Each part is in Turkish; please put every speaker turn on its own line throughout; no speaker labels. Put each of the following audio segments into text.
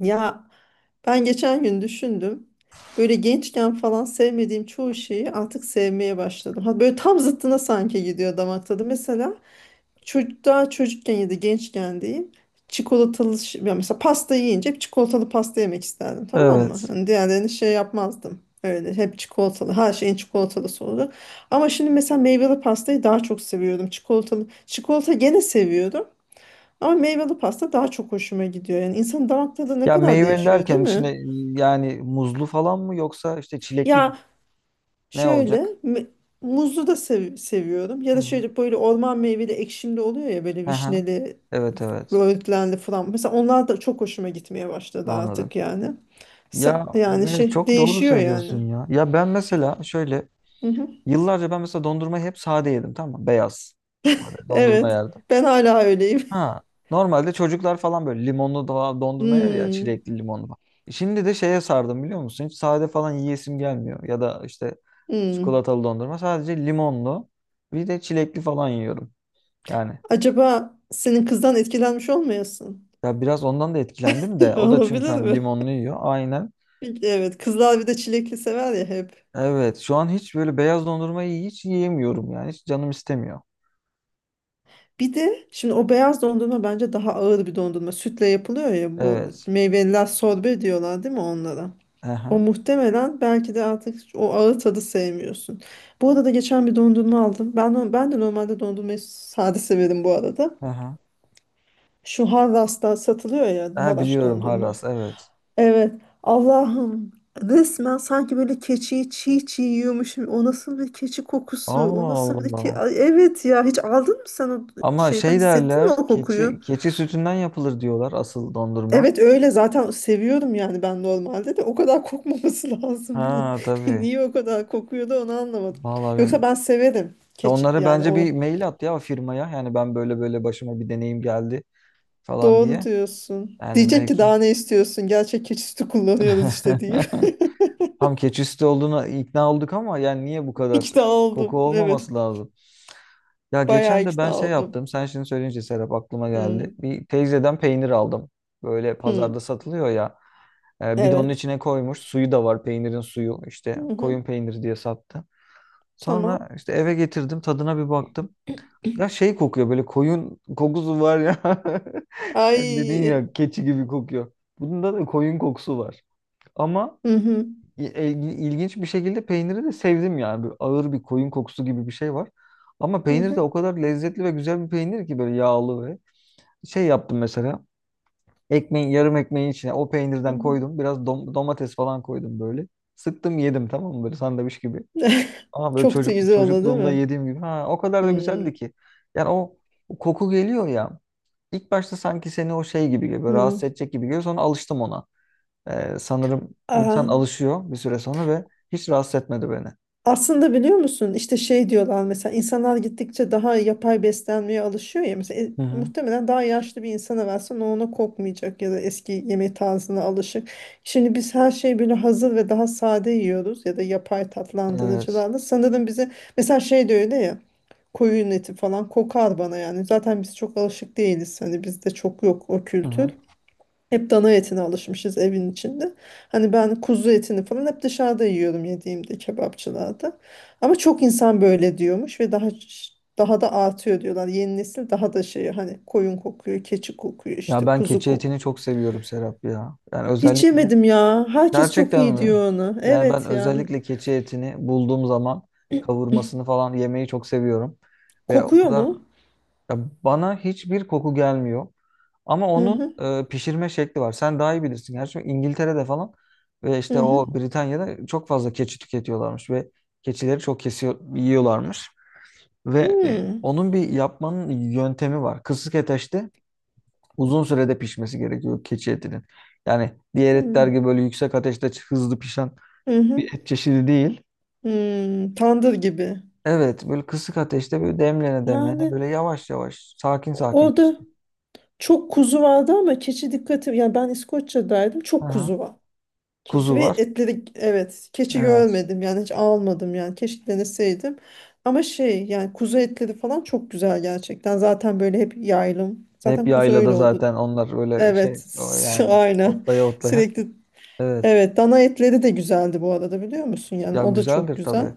Ya ben geçen gün düşündüm. Böyle gençken falan sevmediğim çoğu şeyi artık sevmeye başladım. Ha, böyle tam zıttına sanki gidiyor damak tadı. Mesela çocuk daha çocukken ya da gençken diyeyim. Çikolatalı ya mesela pasta yiyince hep çikolatalı pasta yemek isterdim, tamam mı?
Evet.
Hani diğerlerini şey yapmazdım. Öyle hep çikolatalı, her şeyin çikolatalısı oldu. Ama şimdi mesela meyveli pastayı daha çok seviyordum. Çikolatalı çikolata gene seviyordum. Ama meyveli pasta daha çok hoşuma gidiyor. Yani insanın damak tadı ne
Ya
kadar
meyve yani
değişiyor, değil
derken
mi?
içine yani muzlu falan mı yoksa işte çilekli
Ya
ne
şöyle
olacak?
me- muzlu da seviyorum.
Hı
Ya da
hı.
şöyle böyle orman meyveli ekşimli oluyor ya, böyle
Hı hı.
vişneli,
Evet evet,
böğürtlenli falan. Mesela onlar da çok hoşuma gitmeye başladı
anladım.
artık yani.
Ya
Yani
evet,
şey
çok doğru
değişiyor yani.
söylüyorsun ya. Ya ben mesela şöyle
Hı hı.
yıllarca ben mesela dondurmayı hep sade yedim, tamam mı? Beyaz sade dondurma
Evet.
yerdim.
Ben hala öyleyim.
Ha, normalde çocuklar falan böyle limonlu falan dondurma yer ya,
Hmm,
çilekli limonlu falan. Şimdi de şeye sardım, biliyor musun? Hiç sade falan yiyesim gelmiyor. Ya da işte
hmm.
çikolatalı dondurma, sadece limonlu bir de çilekli falan yiyorum. Yani
Acaba senin kızdan etkilenmiş olmayasın?
ya biraz ondan da etkilendim de, o da çünkü
Olabilir
hani
mi?
limonlu yiyor, aynen.
Evet, kızlar bir de çilekli sever ya hep.
Evet, şu an hiç böyle beyaz dondurmayı hiç yiyemiyorum yani, hiç canım istemiyor.
Bir de şimdi o beyaz dondurma bence daha ağır bir dondurma. Sütle yapılıyor ya, bu
Evet.
meyveliler sorbe diyorlar değil mi onlara? O
Aha,
muhtemelen, belki de artık o ağır tadı sevmiyorsun. Bu arada geçen bir dondurma aldım. Ben no- Ben de normalde dondurmayı sade severim bu arada.
aha.
Şu Harras'ta satılıyor ya,
Ha,
Maraş
biliyorum,
dondurma.
Haras, evet.
Evet. Allah'ım, resmen sanki böyle keçiyi çiğ çiğ yiyormuşum. O nasıl bir keçi kokusu? O
Allah
nasıl bir ki?
Allah.
Ay, evet ya, hiç aldın mı sen o
Ama
şeyden?
şey
Hissettin mi
derler,
o
keçi
kokuyu?
keçi sütünden yapılır diyorlar asıl dondurma.
Evet, öyle zaten seviyorum yani, ben normalde de o kadar kokmaması lazımdı.
Ha, tabii.
Niye o kadar kokuyordu onu anlamadım.
Vallahi
Yoksa
ben-
ben severim
Ya,
keçi
onlara
yani,
bence
o
bir mail at ya, firmaya. Yani ben böyle böyle başıma bir deneyim geldi falan
doğru
diye.
diyorsun.
Yani
Diyecek ki
belki.
daha ne istiyorsun? Gerçek keçi sütü kullanıyoruz işte diye.
Tam keçisti olduğuna ikna olduk ama yani niye bu kadar
İkna
koku
oldum. Evet.
olmaması lazım? Ya
Bayağı
geçen de
ikna
ben şey
oldum.
yaptım. Sen şimdi söyleyince Serap aklıma
Hı,
geldi. Bir teyzeden peynir aldım. Böyle
hı.
pazarda satılıyor ya. E, bidonun
Evet.
içine koymuş. Suyu da var. Peynirin suyu.
Hı
İşte
hı.
koyun peyniri diye sattı. Sonra
Tamam.
işte eve getirdim. Tadına bir baktım. Ya şey kokuyor, böyle koyun kokusu var ya. Sen dedin
Ay.
ya, keçi gibi kokuyor. Bunda da koyun kokusu var. Ama
Hı hı,
İlginç bir şekilde peyniri de sevdim yani. Böyle ağır bir koyun kokusu gibi bir şey var. Ama
hı
peynir de
hı,
o kadar lezzetli ve güzel bir peynir ki, böyle yağlı ve şey yaptım mesela. Yarım ekmeğin içine o
hı
peynirden
hı.
koydum. Biraz domates falan koydum böyle. Sıktım yedim, tamam mı, böyle sandviç gibi. Ama böyle
Çok da güzel oldu değil
çocukluğumda
mi?
yediğim gibi. Ha, o kadar da güzeldi ki. Yani o koku geliyor ya. İlk başta sanki seni o şey gibi
Hı.
geliyor.
Hı.
Rahatsız edecek gibi geliyor. Sonra alıştım ona. Sanırım insan
Aha.
alışıyor bir süre sonra ve hiç rahatsız etmedi beni.
Aslında biliyor musun, işte şey diyorlar, mesela insanlar gittikçe daha yapay beslenmeye alışıyor ya, mesela
Hı hı.
muhtemelen daha yaşlı bir insana versen o ona kokmayacak ya da eski yemek tarzına alışık. Şimdi biz her şeyi böyle hazır ve daha sade yiyoruz ya da yapay
Evet.
tatlandırıcılarla, sanırım bize mesela şey de öyle ya, koyun eti falan kokar bana yani, zaten biz çok alışık değiliz, hani bizde çok yok o
Hı
kültür.
hı.
Hep dana etine alışmışız evin içinde. Hani ben kuzu etini falan hep dışarıda yiyorum, yediğimde kebapçılarda. Ama çok insan böyle diyormuş ve daha da artıyor diyorlar. Yeni nesil daha da şey, hani koyun kokuyor, keçi kokuyor,
Ya
işte
ben
kuzu
keçi etini
kokuyor.
çok seviyorum, Serap ya. Yani
Hiç
özellikle...
yemedim ya. Herkes çok
Gerçekten
iyi
mi?
diyor onu.
Yani ben
Evet yani
özellikle keçi etini bulduğum zaman kavurmasını falan yemeyi çok seviyorum. Ve o
kokuyor
kadar...
mu?
Ya bana hiçbir koku gelmiyor. Ama
Hı
onun
hı,
pişirme şekli var. Sen daha iyi bilirsin. Gerçi İngiltere'de falan ve
hı
işte
hı.
o Britanya'da çok fazla keçi tüketiyorlarmış ve keçileri çok kesiyor, yiyorlarmış. Ve
Hmm,
onun bir yapmanın yöntemi var. Kısık ateşte uzun sürede pişmesi gerekiyor keçi etinin. Yani diğer etler gibi
hmm,
böyle yüksek ateşte hızlı pişen
hı hı,
bir et çeşidi değil.
hmm. Tandır gibi.
Evet, böyle kısık ateşte böyle demlene demlene
Yani
böyle yavaş yavaş sakin sakin
da.
pişti.
Çok kuzu vardı ama keçi dikkati, yani ben İskoçya'daydım, çok
Aha.
kuzu var. Keçi
Kuzu
ve
var.
etleri, evet, keçi
Evet.
görmedim yani, hiç almadım yani, keşke deneseydim. Ama şey yani, kuzu etleri falan çok güzel gerçekten, zaten böyle hep yaylım.
Hep
Zaten kuzu
yaylada
öyle oldu.
zaten onlar öyle şey
Evet,
o yani
aynen,
otlaya otlaya.
sürekli,
Evet.
evet, dana etleri de güzeldi bu arada, biliyor musun, yani
Ya,
o da çok
güzeldir
güzel.
tabii.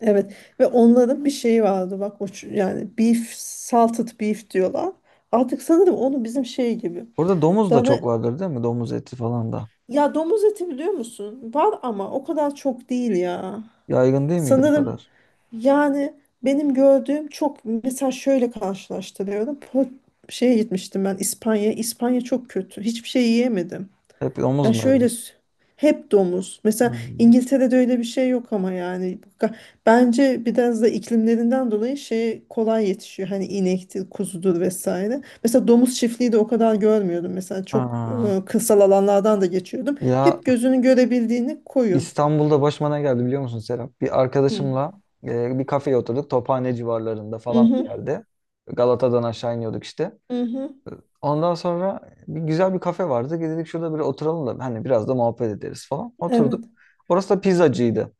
Evet, ve onların bir şeyi vardı bak, o yani beef salted beef diyorlar. Artık sanırım onu bizim şey gibi.
Orada domuz da çok
Dana
vardır değil mi? Domuz eti falan da.
Ya, domuz eti biliyor musun? Var ama o kadar çok değil ya.
Yaygın değil miydi o
Sanırım
kadar?
yani, benim gördüğüm çok, mesela şöyle karşılaştırıyorum. Şeye gitmiştim ben, İspanya. İspanya çok kötü. Hiçbir şey yiyemedim.
Hep domuz
Ya şöyle
muydu?
hep domuz. Mesela
Hmm.
İngiltere'de öyle bir şey yok ama yani, bence biraz da iklimlerinden dolayı şey kolay yetişiyor. Hani inektir, kuzudur vesaire. Mesela domuz çiftliği de o kadar görmüyordum. Mesela çok
Ha.
kırsal alanlardan da geçiyordum.
Ya
Hep gözünün görebildiğini koyun.
İstanbul'da başıma ne geldi biliyor musun Serap? Bir
Hı.
arkadaşımla bir kafeye oturduk. Tophane civarlarında
Hı
falan bir
hı,
yerde. Galata'dan aşağı iniyorduk işte.
hı hı.
Ondan sonra bir güzel bir kafe vardı. Dedik, şurada bir oturalım da hani biraz da muhabbet ederiz falan.
Evet.
Oturduk. Orası da pizzacıydı.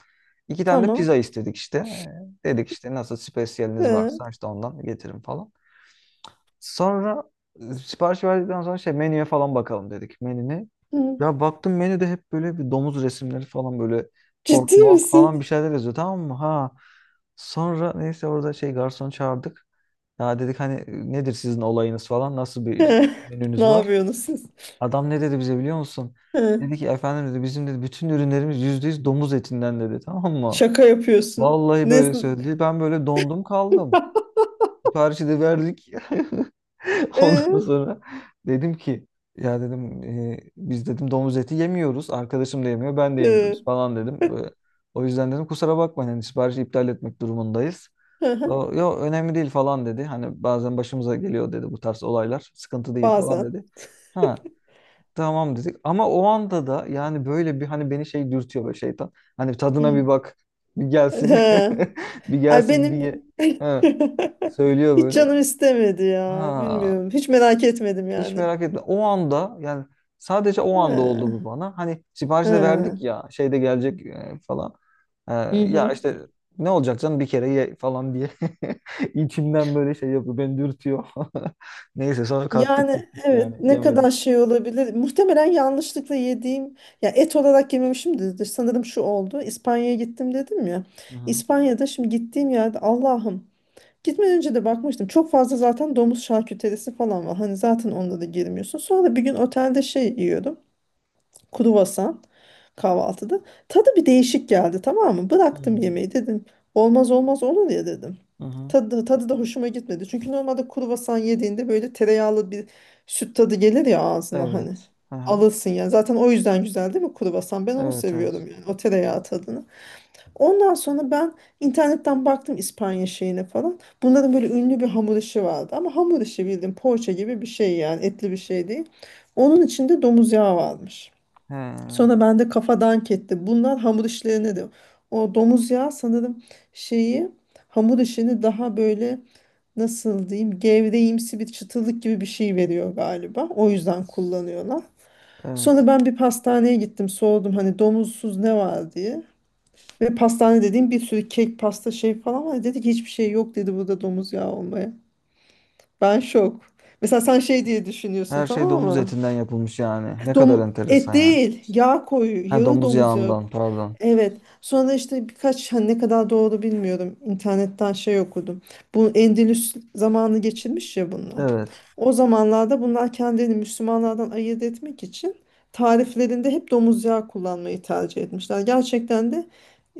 İki tane de pizza
Tamam.
istedik işte. Dedik işte, nasıl spesiyeliniz
He.
varsa işte ondan getirin falan. Sonra sipariş verdikten sonra şey, menüye falan bakalım dedik, menüne.
Hı.
Ya baktım menüde hep böyle bir domuz resimleri falan, böyle
Ciddi
pork mork
misin?
falan bir şeyler yazıyor, tamam mı? Ha. Sonra neyse orada şey, garson çağırdık. Ya dedik hani, nedir sizin olayınız falan, nasıl bir
He. Ne
menünüz var?
yapıyorsunuz siz?
Adam ne dedi bize biliyor musun?
He.
Dedi ki, efendim dedi, bizim dedi bütün ürünlerimiz %100 domuz etinden, dedi, tamam mı?
Şaka yapıyorsun.
Vallahi
Ne?
böyle söyledi. Ben böyle dondum kaldım. Siparişi de verdik. Ondan
Ee,
sonra dedim ki, ya dedim, biz dedim domuz eti yemiyoruz. Arkadaşım da yemiyor, ben de yemiyoruz
e.
falan dedim. Böyle, o yüzden dedim kusura bakmayın hani, siparişi iptal etmek durumundayız.
Hı hı.
O, yo önemli değil falan dedi. Hani bazen başımıza geliyor dedi bu tarz olaylar. Sıkıntı değil falan
Bazen.
dedi. Ha, tamam dedik. Ama o anda da yani böyle bir hani beni şey dürtüyor böyle, şeytan. Hani tadına
Hı.
bir bak, bir gelsin.
He.
Bir
Ay
gelsin, bir
benim
ye. Ha, söylüyor
hiç
böyle.
canım istemedi ya.
Ha,
Bilmiyorum. Hiç merak etmedim
hiç
yani.
merak etme. O anda yani sadece o anda oldu
He.
bu bana. Hani siparişi de verdik
He.
ya, şeyde gelecek falan. E,
Hı
ya
hı.
işte ne olacak canım, bir kere ye falan diye içimden böyle şey yapıyor. Beni dürtüyor. Neyse sonra kalktık
Yani
gittik
evet,
yani,
ne
yemedik.
kadar şey olabilir. Muhtemelen yanlışlıkla yediğim ya, et olarak yememişimdir. Sanırım şu oldu. İspanya'ya gittim dedim ya.
Hı hı.
İspanya'da şimdi gittiğim yerde, Allah'ım. Gitmeden önce de bakmıştım. Çok fazla zaten domuz şarküterisi falan var. Hani zaten onda da girmiyorsun. Sonra bir gün otelde şey yiyordum, kruvasan, kahvaltıda. Tadı bir değişik geldi, tamam mı? Bıraktım
Hmm.
yemeği, dedim. Olmaz olmaz olur ya, dedim.
Hı hı.
Tadı da hoşuma gitmedi. Çünkü normalde kruvasan yediğinde böyle tereyağlı bir süt tadı gelir ya ağzına, hani.
Evet. Hı hı.
Alırsın yani. Zaten o yüzden güzel değil mi kruvasan? Ben onu
Evet
seviyorum
evet.
yani, o tereyağı tadını. Ondan sonra ben internetten baktım İspanya şeyine falan. Bunların böyle ünlü bir hamur işi vardı. Ama hamur işi bildiğin poğaça gibi bir şey yani, etli bir şey değil. Onun içinde domuz yağı varmış.
He,
Sonra ben de kafa dank etti, bunlar hamur işlerine de. O domuz yağı sanırım şeyi, hamur işini daha böyle nasıl diyeyim, gevreğimsi bir çıtırlık gibi bir şey veriyor galiba. O yüzden kullanıyorlar. Sonra
evet.
ben bir pastaneye gittim, sordum hani domuzsuz ne var diye. Ve pastane dediğim, bir sürü kek, pasta, şey falan var. Dedi ki hiçbir şey yok dedi burada, domuz yağı olmaya. Ben şok. Mesela sen şey diye düşünüyorsun,
Her şey
tamam
domuz
mı?
etinden yapılmış yani. Ne kadar
Et
enteresan yani.
değil, yağ koyu,
Ha,
yağı,
domuz
domuz yağı.
yağından, pardon.
Evet. Sonra işte, birkaç, hani ne kadar doğru bilmiyorum, İnternetten şey okudum. Bu Endülüs zamanı geçirmiş ya bunlar.
Evet.
O zamanlarda bunlar kendini Müslümanlardan ayırt etmek için tariflerinde hep domuz yağı kullanmayı tercih etmişler. Gerçekten de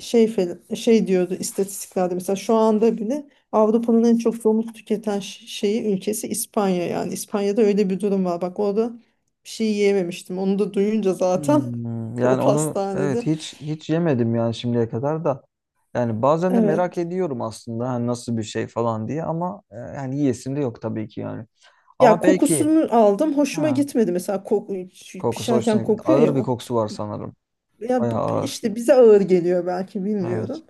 şey, şey diyordu istatistiklerde, mesela şu anda bile Avrupa'nın en çok domuz tüketen şeyi, ülkesi İspanya, yani İspanya'da öyle bir durum var. Bak orada bir şey yiyememiştim. Onu da duyunca zaten,
Hmm,
o
yani onu
pastanede.
evet hiç hiç yemedim yani şimdiye kadar da. Yani bazen de merak
Evet.
ediyorum aslında hani nasıl bir şey falan diye ama, yani yiyesim de yok tabii ki yani.
Ya,
Ama belki,
kokusunu aldım, hoşuma
ha,
gitmedi mesela, koku, şu
kokusu hoşuna
pişerken
gitti.
kokuyor ya
Ağır bir
o.
kokusu var sanırım.
Ya
Bayağı ağır.
işte bize ağır geliyor belki,
Evet.
bilmiyorum.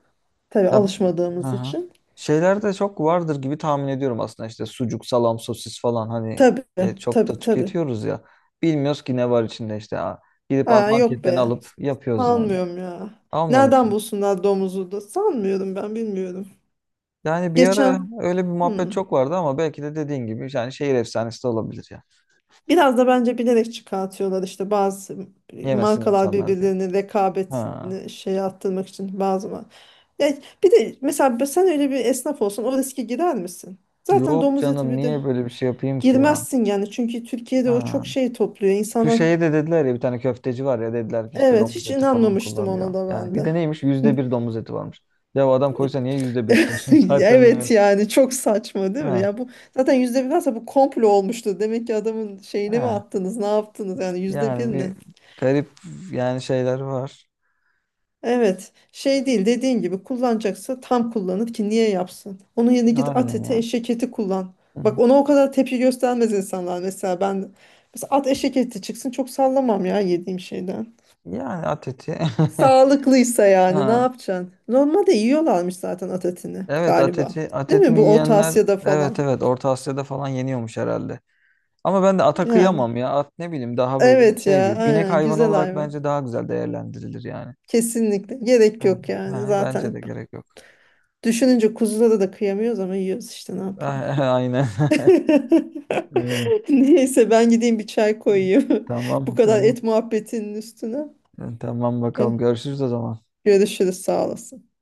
Tabii,
Ya, hı
alışmadığımız
hı.
için.
Şeyler de çok vardır gibi tahmin ediyorum aslında, işte sucuk, salam, sosis falan hani,
Tabii,
çok
tabii,
da
tabii.
tüketiyoruz ya. Bilmiyoruz ki ne var içinde işte. Ha, gidip
Aa, yok be.
marketten alıp yapıyoruz yani.
Sanmıyorum ya.
Almıyor
Nereden
musun?
bulsunlar domuzu da? Sanmıyorum, ben bilmiyorum.
Yani bir ara
Geçen.
öyle bir muhabbet
Hmm.
çok vardı ama belki de dediğin gibi yani şehir efsanesi de olabilir ya.
Biraz da bence bilerek çıkartıyorlar, işte bazı
Yemesin
markalar
insanlar diye.
birbirlerine
Ha.
rekabetini şey arttırmak için, bazı var. Ya bir de mesela sen öyle bir esnaf olsan o riske girer misin? Zaten
Yok
domuz eti,
canım,
bir de
niye böyle bir şey yapayım ki ya?
girmezsin yani, çünkü Türkiye'de o
Ha.
çok şey topluyor
Şu
insanlar.
şeye de dediler ya, bir tane köfteci var ya, dediler ki işte
Evet,
domuz
hiç
eti falan
inanmamıştım
kullanıyor.
ona da
Yani
ben
bir
de.
de neymiş, %1 domuz eti varmış. Ya o adam koysa niye %1 koysun zaten
Evet
yani.
yani çok saçma değil mi?
Ha.
Ya bu zaten %1 varsa, bu komplo olmuştu. Demek ki adamın şeyine mi
Ha.
attınız, ne yaptınız yani, %1
Yani
ne?
bir garip yani şeyler var.
Evet, şey değil, dediğin gibi kullanacaksa tam kullanır, ki niye yapsın? Onun yerine git at
Aynen
eti,
ya.
eşek eti kullan.
Hı
Bak
hı.
ona o kadar tepki göstermez insanlar, mesela ben, mesela at, eşek eti çıksın çok sallamam ya yediğim şeyden.
Yani at eti.
Sağlıklıysa yani, ne
Ha.
yapacaksın? Normalde yiyorlarmış zaten at etini
Evet, at
galiba.
eti, at
Değil mi,
etini
bu Orta
yiyenler
Asya'da
evet
falan?
evet Orta Asya'da falan yeniyormuş herhalde. Ama ben de ata
Yani
kıyamam ya. At, ne bileyim, daha böyle
evet
şey,
ya,
bir binek
aynen,
hayvanı
güzel
olarak
hayvan.
bence daha güzel değerlendirilir yani.
Kesinlikle gerek
Ha,
yok yani
ha, bence
zaten.
de gerek yok.
Düşününce kuzulara da kıyamıyoruz ama yiyoruz işte, ne yapalım.
Aynen. Öyle.
Evet. Neyse, ben gideyim bir çay koyayım. Bu
Tamam
kadar
tamam.
et muhabbetinin üstüne.
Tamam bakalım
Eh,
görüşürüz o zaman.
görüşürüz, sağ olasın.